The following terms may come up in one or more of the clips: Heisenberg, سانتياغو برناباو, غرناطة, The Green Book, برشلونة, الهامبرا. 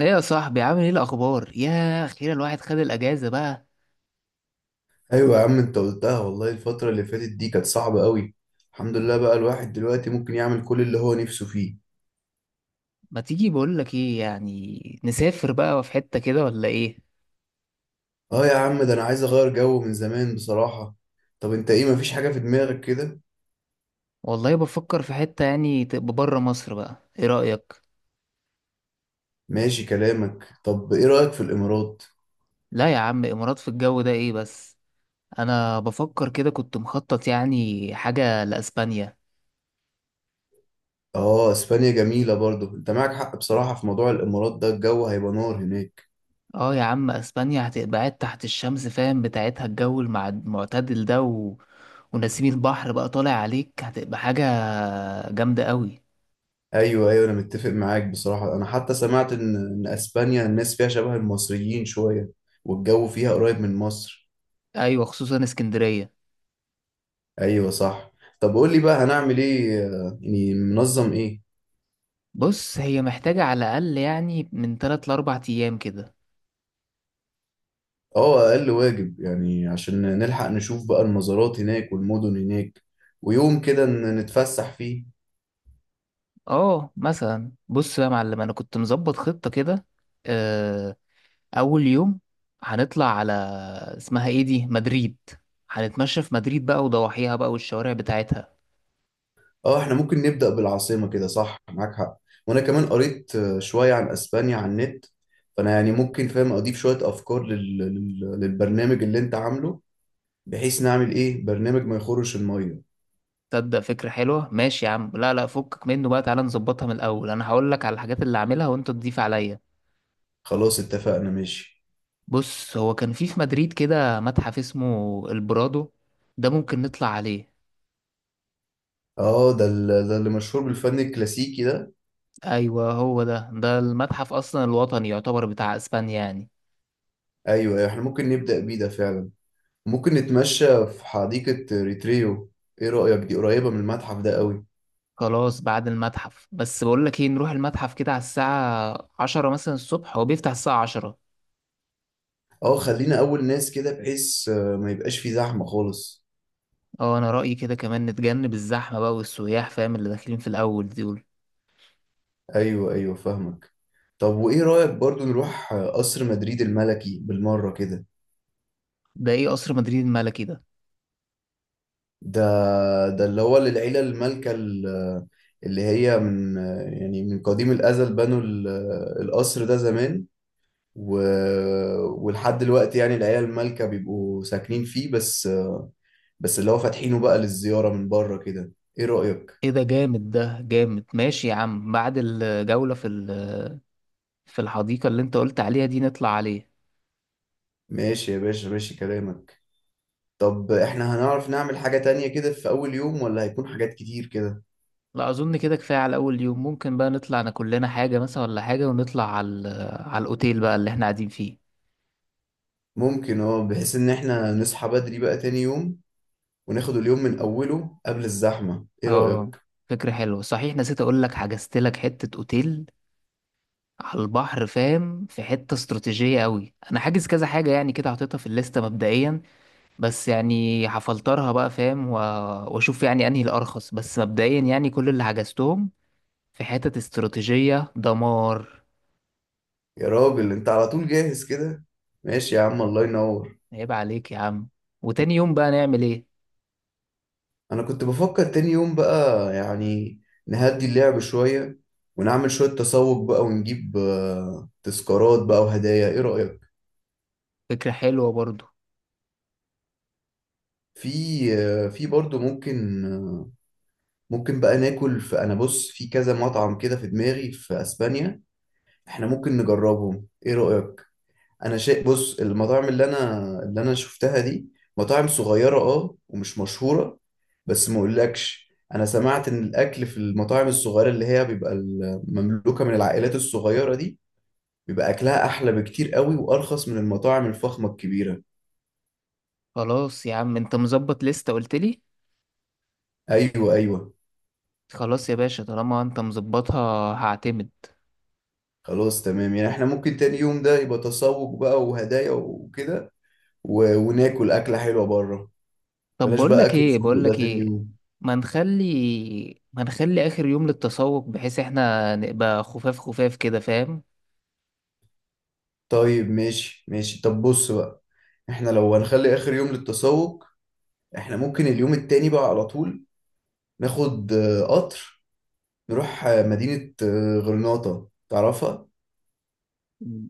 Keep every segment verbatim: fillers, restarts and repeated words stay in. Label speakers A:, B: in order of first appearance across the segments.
A: ايه يا صاحبي، عامل ايه الاخبار؟ يا اخيرا الواحد خد الاجازه بقى.
B: ايوه يا عم، انت قلتها والله، الفترة اللي فاتت دي كانت صعبة قوي. الحمد لله بقى، الواحد دلوقتي ممكن يعمل كل اللي هو نفسه فيه.
A: ما تيجي بقول لك ايه، يعني نسافر بقى في حته كده ولا ايه؟
B: اه يا عم، ده انا عايز اغير جو من زمان بصراحة. طب انت ايه، مفيش حاجة في دماغك كده؟
A: والله بفكر في حته يعني تبقى بره مصر بقى، ايه رايك؟
B: ماشي كلامك، طب ايه رأيك في الامارات؟
A: لا يا عم، امارات في الجو ده ايه بس. انا بفكر كده، كنت مخطط يعني حاجه لاسبانيا.
B: اه، اسبانيا جميلة برضو، انت معاك حق بصراحة. في موضوع الامارات ده الجو هيبقى نار هناك.
A: اه يا عم اسبانيا، هتبقى قاعد تحت الشمس فاهم بتاعتها، الجو المع- المعتدل ده و... ونسيم البحر بقى طالع عليك، هتبقى حاجه جامده قوي.
B: ايوه ايوه، انا متفق معاك بصراحة، انا حتى سمعت ان ان اسبانيا الناس فيها شبه المصريين شوية، والجو فيها قريب من مصر.
A: ايوه خصوصا اسكندريه.
B: ايوه صح. طب قول لي بقى، هنعمل ايه آه، يعني منظم ايه؟
A: بص هي محتاجة على الأقل يعني من تلات لأربع أيام كده.
B: اه، اقل واجب يعني، عشان نلحق نشوف بقى المزارات هناك والمدن هناك. ويوم كده ن- نتفسح فيه.
A: اه مثلا بص بقى يا معلم، أنا كنت مظبط خطة كده. آه، أول يوم هنطلع على، اسمها ايه دي؟ مدريد. هنتمشى في مدريد بقى وضواحيها بقى والشوارع بتاعتها.
B: اه، احنا ممكن نبدأ بالعاصمة كده، صح معاك حق. وانا كمان قريت آه، شوية عن اسبانيا على النت، فانا يعني ممكن فاهم اضيف شوية افكار لل... لل... للبرنامج اللي انت عامله، بحيث نعمل ايه، برنامج ما يخرش المية.
A: تصدق فكرة حلوة، ماشي يا عم. لا لا، فكك منه بقى، تعالى نظبطها من الأول. أنا هقول لك على الحاجات اللي هعملها وأنت تضيف عليا.
B: خلاص اتفقنا ماشي.
A: بص هو كان في في مدريد كده متحف اسمه البرادو، ده ممكن نطلع عليه.
B: اه، ده, ال... ده اللي مشهور بالفن الكلاسيكي ده.
A: ايوه هو ده، ده المتحف اصلا الوطني يعتبر بتاع اسبانيا يعني.
B: ايوه أيوة، احنا ممكن نبدأ بيه ده فعلا. ممكن نتمشى في حديقة ريتريو، ايه رأيك؟ دي قريبة من المتحف ده قوي.
A: خلاص بعد المتحف، بس بقول لك ايه، نروح المتحف كده على الساعة عشرة مثلا الصبح، هو بيفتح الساعة عشرة.
B: اه، خلينا اول ناس كده بحيث آه، ما يبقاش في زحمة خالص.
A: اه انا رأيي كده، كمان نتجنب الزحمة بقى والسياح فاهم اللي داخلين في الاول دول.
B: ايوه ايوه، فاهمك. طب وايه رأيك برضو نروح آه، قصر مدريد الملكي بالمرة كده؟
A: ده ايه قصر مدريد الملكي ده؟
B: ده ده اللي هو للعيلة المالكة، ال- آه، اللي هي من آه، يعني من قديم الأزل، بنوا ال- آه، القصر ده زمان. و... ولحد دلوقتي يعني العيلة المالكة بيبقوا ساكنين فيه، بس بس اللي هو فاتحينه بقى للزيارة من بره كده. ايه رأيك؟
A: ايه ده جامد، ده جامد. ماشي يا عم، بعد الجولة في ال- في الحديقة اللي انت قلت عليها دي، نطلع عليه.
B: ماشي يا باشا، ماشي كلامك. طب احنا هنعرف نعمل حاجة تانية كده في أول يوم، ولا هيكون حاجات كتير كده؟
A: لا اظن كده كفاية على اول يوم، ممكن بقى نطلع ناكل لنا حاجة مثلا ولا حاجة ونطلع على ال- على الاوتيل بقى اللي احنا قاعدين فيه.
B: ممكن، اه، بحيث ان احنا نصحى بدري بقى تاني يوم، وناخد اليوم من أوله قبل الزحمة. ايه
A: اه
B: رأيك؟
A: فكرة حلوة، صحيح نسيت اقول لك، حجزت لك حتة اوتيل على البحر فاهم، في حتة استراتيجية قوي. انا حاجز كذا حاجة يعني كده، حاططها في الليستة مبدئيا، بس يعني هفلترها بقى فاهم و- واشوف يعني انهي الارخص. بس مبدئيا يعني كل اللي حجزتهم في حتة استراتيجية دمار.
B: يا راجل، انت على طول جاهز كده. ماشي يا عم، الله ينور.
A: عيب عليك يا عم. وتاني يوم بقى نعمل ايه؟
B: انا كنت بفكر تاني يوم بقى، يعني نهدي اللعب شوية، ونعمل شوية تسوق بقى ونجيب آه، تذكارات بقى وهدايا. ايه رأيك؟
A: فكرة حلوة برضو.
B: في في برضه ممكن ممكن بقى ناكل في، انا بص، في كذا مطعم كده في دماغي في اسبانيا، احنا ممكن نجربهم. ايه رأيك؟ انا شايف، بص، المطاعم اللي انا اللي انا شفتها دي مطاعم صغيرة، اه، ومش مشهورة. بس ما اقولكش، انا سمعت ان الاكل في المطاعم الصغيرة، اللي هي بيبقى ال- مملوكة من العائلات الصغيرة دي، بيبقى اكلها احلى بكتير قوي، وارخص من المطاعم الفخمة الكبيرة.
A: خلاص يا عم انت مظبط لستة قلت لي.
B: ايوه ايوه.
A: خلاص يا باشا، طالما انت مظبطها هعتمد.
B: خلاص تمام، يعني احنا ممكن تاني يوم ده يبقى تسوق بقى وهدايا وكده، و... وناكل أكلة حلوة بره.
A: طب
B: بلاش
A: بقول
B: بقى
A: لك
B: أكل
A: ايه،
B: الفندق
A: بقول لك
B: ده تاني
A: ايه،
B: يوم.
A: ما نخلي ما نخلي اخر يوم للتسوق، بحيث احنا نبقى خفاف خفاف كده فاهم.
B: طيب ماشي ماشي. طب بص بقى، احنا لو هنخلي آخر يوم للتسوق، احنا ممكن اليوم التاني بقى على طول ناخد آه، قطر، نروح آه، مدينة آه، غرناطة، تعرفها؟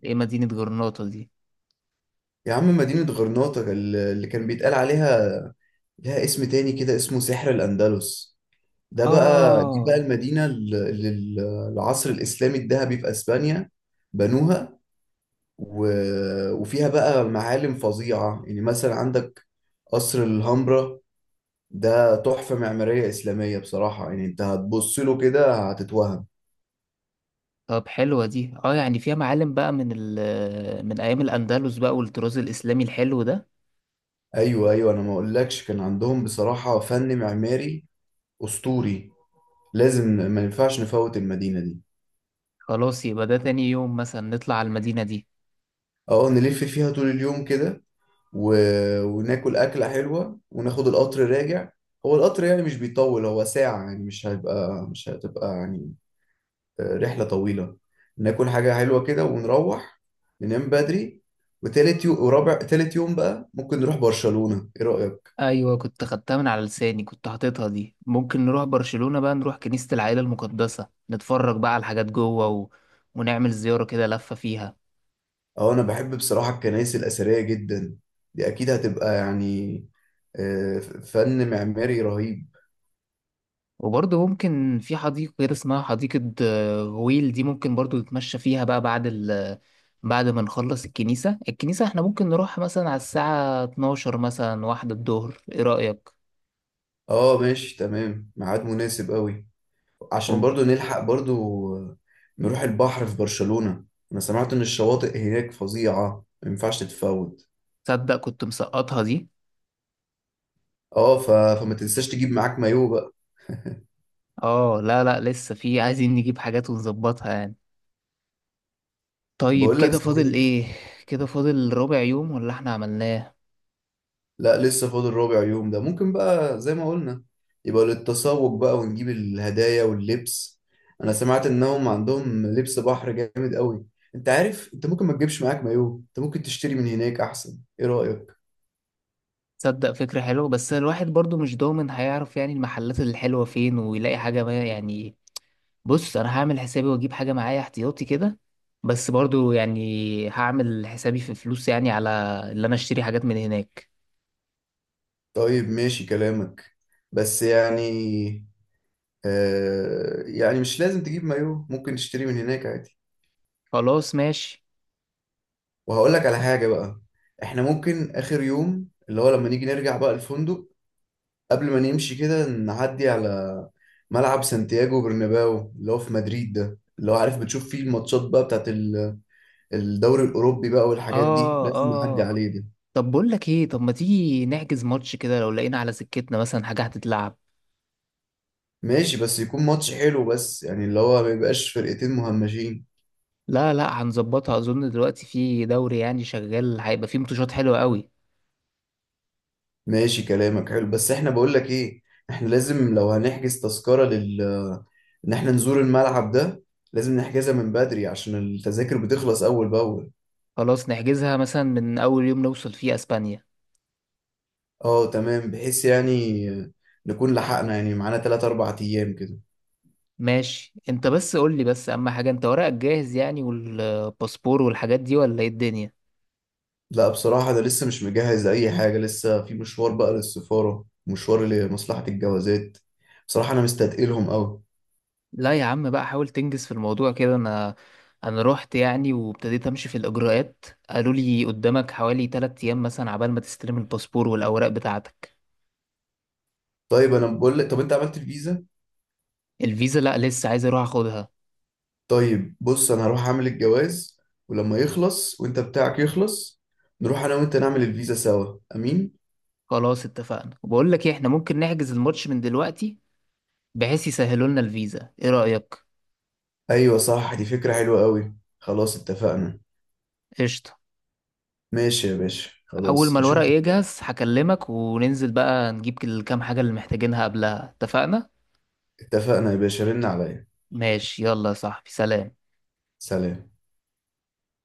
A: ايه مدينة جرناطة دي؟
B: يا عم، مدينة غرناطة، ال- اللي كان بيتقال عليها لها اسم تاني كده، اسمه سحر الأندلس. ده بقى، دي بقى
A: اه
B: المدينة اللي ال- العصر الإسلامي الذهبي في أسبانيا بنوها. و... وفيها بقى معالم فظيعة، يعني مثلا عندك قصر الهامبرا. ده تحفة معمارية إسلامية بصراحة، يعني أنت هتبص له كده هتتوهم.
A: طب حلوة دي، اه يعني فيها معالم بقى من ال من ايام الاندلس بقى والطراز الاسلامي الحلو ده.
B: أيوه أيوه، أنا ما أقولكش كان عندهم بصراحة فن معماري أسطوري. لازم، ما ينفعش نفوت المدينة دي.
A: خلاص يبقى ده تاني يوم مثلا نطلع على المدينة دي.
B: أه، نلف فيها طول اليوم كده، و... وناكل أكلة حلوة وناخد القطر راجع. هو القطر يعني مش بيطول، هو ساعة يعني، مش هيبقى مش هتبقى يعني آه، رحلة طويلة. ناكل حاجة حلوة كده ونروح ننام بدري. وتالت يوم ورابع، تالت يوم بقى ممكن نروح برشلونة، ايه رأيك؟
A: ايوه كنت خدتها من على لساني، كنت حاططها دي. ممكن نروح برشلونة بقى، نروح كنيسة العائلة المقدسة نتفرج بقى على الحاجات جوه و... ونعمل زيارة كده لفة فيها.
B: اه، انا بحب بصراحة الكنائس الأثرية جدا، دي اكيد هتبقى يعني آه، فن معماري رهيب.
A: وبرضه ممكن في حديقة كده اسمها حديقة آه، غويل، دي ممكن برضه نتمشى فيها بقى بعد ال بعد ما نخلص الكنيسة الكنيسة. احنا ممكن نروح مثلا على الساعة اتناشر مثلا، واحدة الظهر، ايه رأيك؟
B: اه ماشي تمام، ميعاد مناسب قوي، عشان
A: و-
B: برضو نلحق برضو نروح البحر في برشلونة. انا سمعت ان الشواطئ هناك فظيعة، ما ينفعش تتفوت.
A: تصدق كنت مسقطها دي.
B: اه، ف... فما تنساش تجيب معاك مايو بقى.
A: اه لا لا، لسه في عايزين نجيب حاجات ونظبطها يعني. طيب
B: بقول لك
A: كده فاضل
B: صحيح.
A: ايه؟ كده فاضل ربع يوم ولا احنا عملناه؟
B: لا لسه فاضل ربع يوم، ده ممكن بقى زي ما قلنا يبقى للتسوق بقى، ونجيب الهدايا واللبس. انا سمعت انهم عندهم لبس بحر جامد قوي. انت عارف، انت ممكن ما تجيبش معاك مايو، انت ممكن تشتري من هناك احسن، ايه رأيك؟
A: تصدق فكرة حلوة، بس الواحد برضو مش ضامن هيعرف يعني المحلات الحلوة فين ويلاقي حاجة ما يعني. بص انا هعمل حسابي واجيب حاجه معايا احتياطي كده. بس برضو يعني هعمل حسابي في فلوس يعني على اللي انا اشتري حاجات من هناك.
B: طيب ماشي كلامك، بس يعني آه، يعني مش لازم تجيب مايو، ممكن تشتري من هناك عادي.
A: خلاص ماشي.
B: وهقول لك على حاجة بقى، احنا ممكن اخر يوم اللي هو لما نيجي نرجع بقى الفندق، قبل ما نمشي كده، نعدي على ملعب سانتياغو برناباو اللي هو في مدريد ده، اللي هو عارف بتشوف فيه الماتشات بقى بتاعت ال- الدوري الأوروبي بقى والحاجات دي،
A: اه
B: لازم نعدي
A: اه.
B: عليه ده.
A: طب بقول لك ايه، طب ما تيجي نحجز ماتش كده لو لقينا على سكتنا مثلا حاجه هتتلعب.
B: ماشي، بس يكون ماتش حلو بس يعني، اللي هو ما يبقاش فرقتين مهمشين.
A: لا لا هنظبطها، اظن دلوقتي في دوري يعني شغال، هيبقى فيه ماتشات حلوه قوي.
B: ماشي كلامك حلو، بس احنا بقول لك ايه، احنا لازم لو هنحجز تذكرة لل ان احنا نزور الملعب ده، لازم نحجزها من بدري عشان التذاكر بتخلص اول باول.
A: خلاص نحجزها مثلا من اول يوم نوصل فيه اسبانيا.
B: اه تمام، بحيث يعني نكون لحقنا، يعني معانا ثلاثة أربعة ايام كده.
A: ماشي، انت بس قول لي، بس اهم حاجه انت ورقك جاهز يعني والباسبور والحاجات دي ولا ايه الدنيا؟
B: لا بصراحة، ده لسه مش مجهز اي حاجة، لسه في مشوار بقى للسفارة، مشوار لمصلحة الجوازات. بصراحة انا مستثقلهم قوي.
A: لا يا عم بقى، حاول تنجز في الموضوع كده. انا انا رحت يعني وابتديت امشي في الاجراءات قالوا لي قدامك حوالي ثلاثة ايام مثلا عبال ما تستلم الباسبور والاوراق بتاعتك.
B: طيب انا بقول لك، طب انت عملت الفيزا؟
A: الفيزا لا، لسه عايز اروح اخدها.
B: طيب بص، انا هروح اعمل الجواز، ولما يخلص وانت بتاعك يخلص، نروح انا وانت نعمل الفيزا سوا امين.
A: خلاص اتفقنا، وبقول لك ايه احنا ممكن نحجز الماتش من دلوقتي، بحيث يسهلوا لنا الفيزا، ايه رأيك؟
B: ايوه صح، دي فكرة حلوة قوي، خلاص اتفقنا.
A: قشطة.
B: ماشي يا باشا،
A: اول ما
B: خلاص
A: الورق
B: اشوفك.
A: يجهز هكلمك وننزل بقى نجيب الكام حاجة اللي محتاجينها قبلها، اتفقنا.
B: اتفقنا يا باشا، رن عليا.
A: ماشي يلا يا صاحبي، سلام.
B: سلام.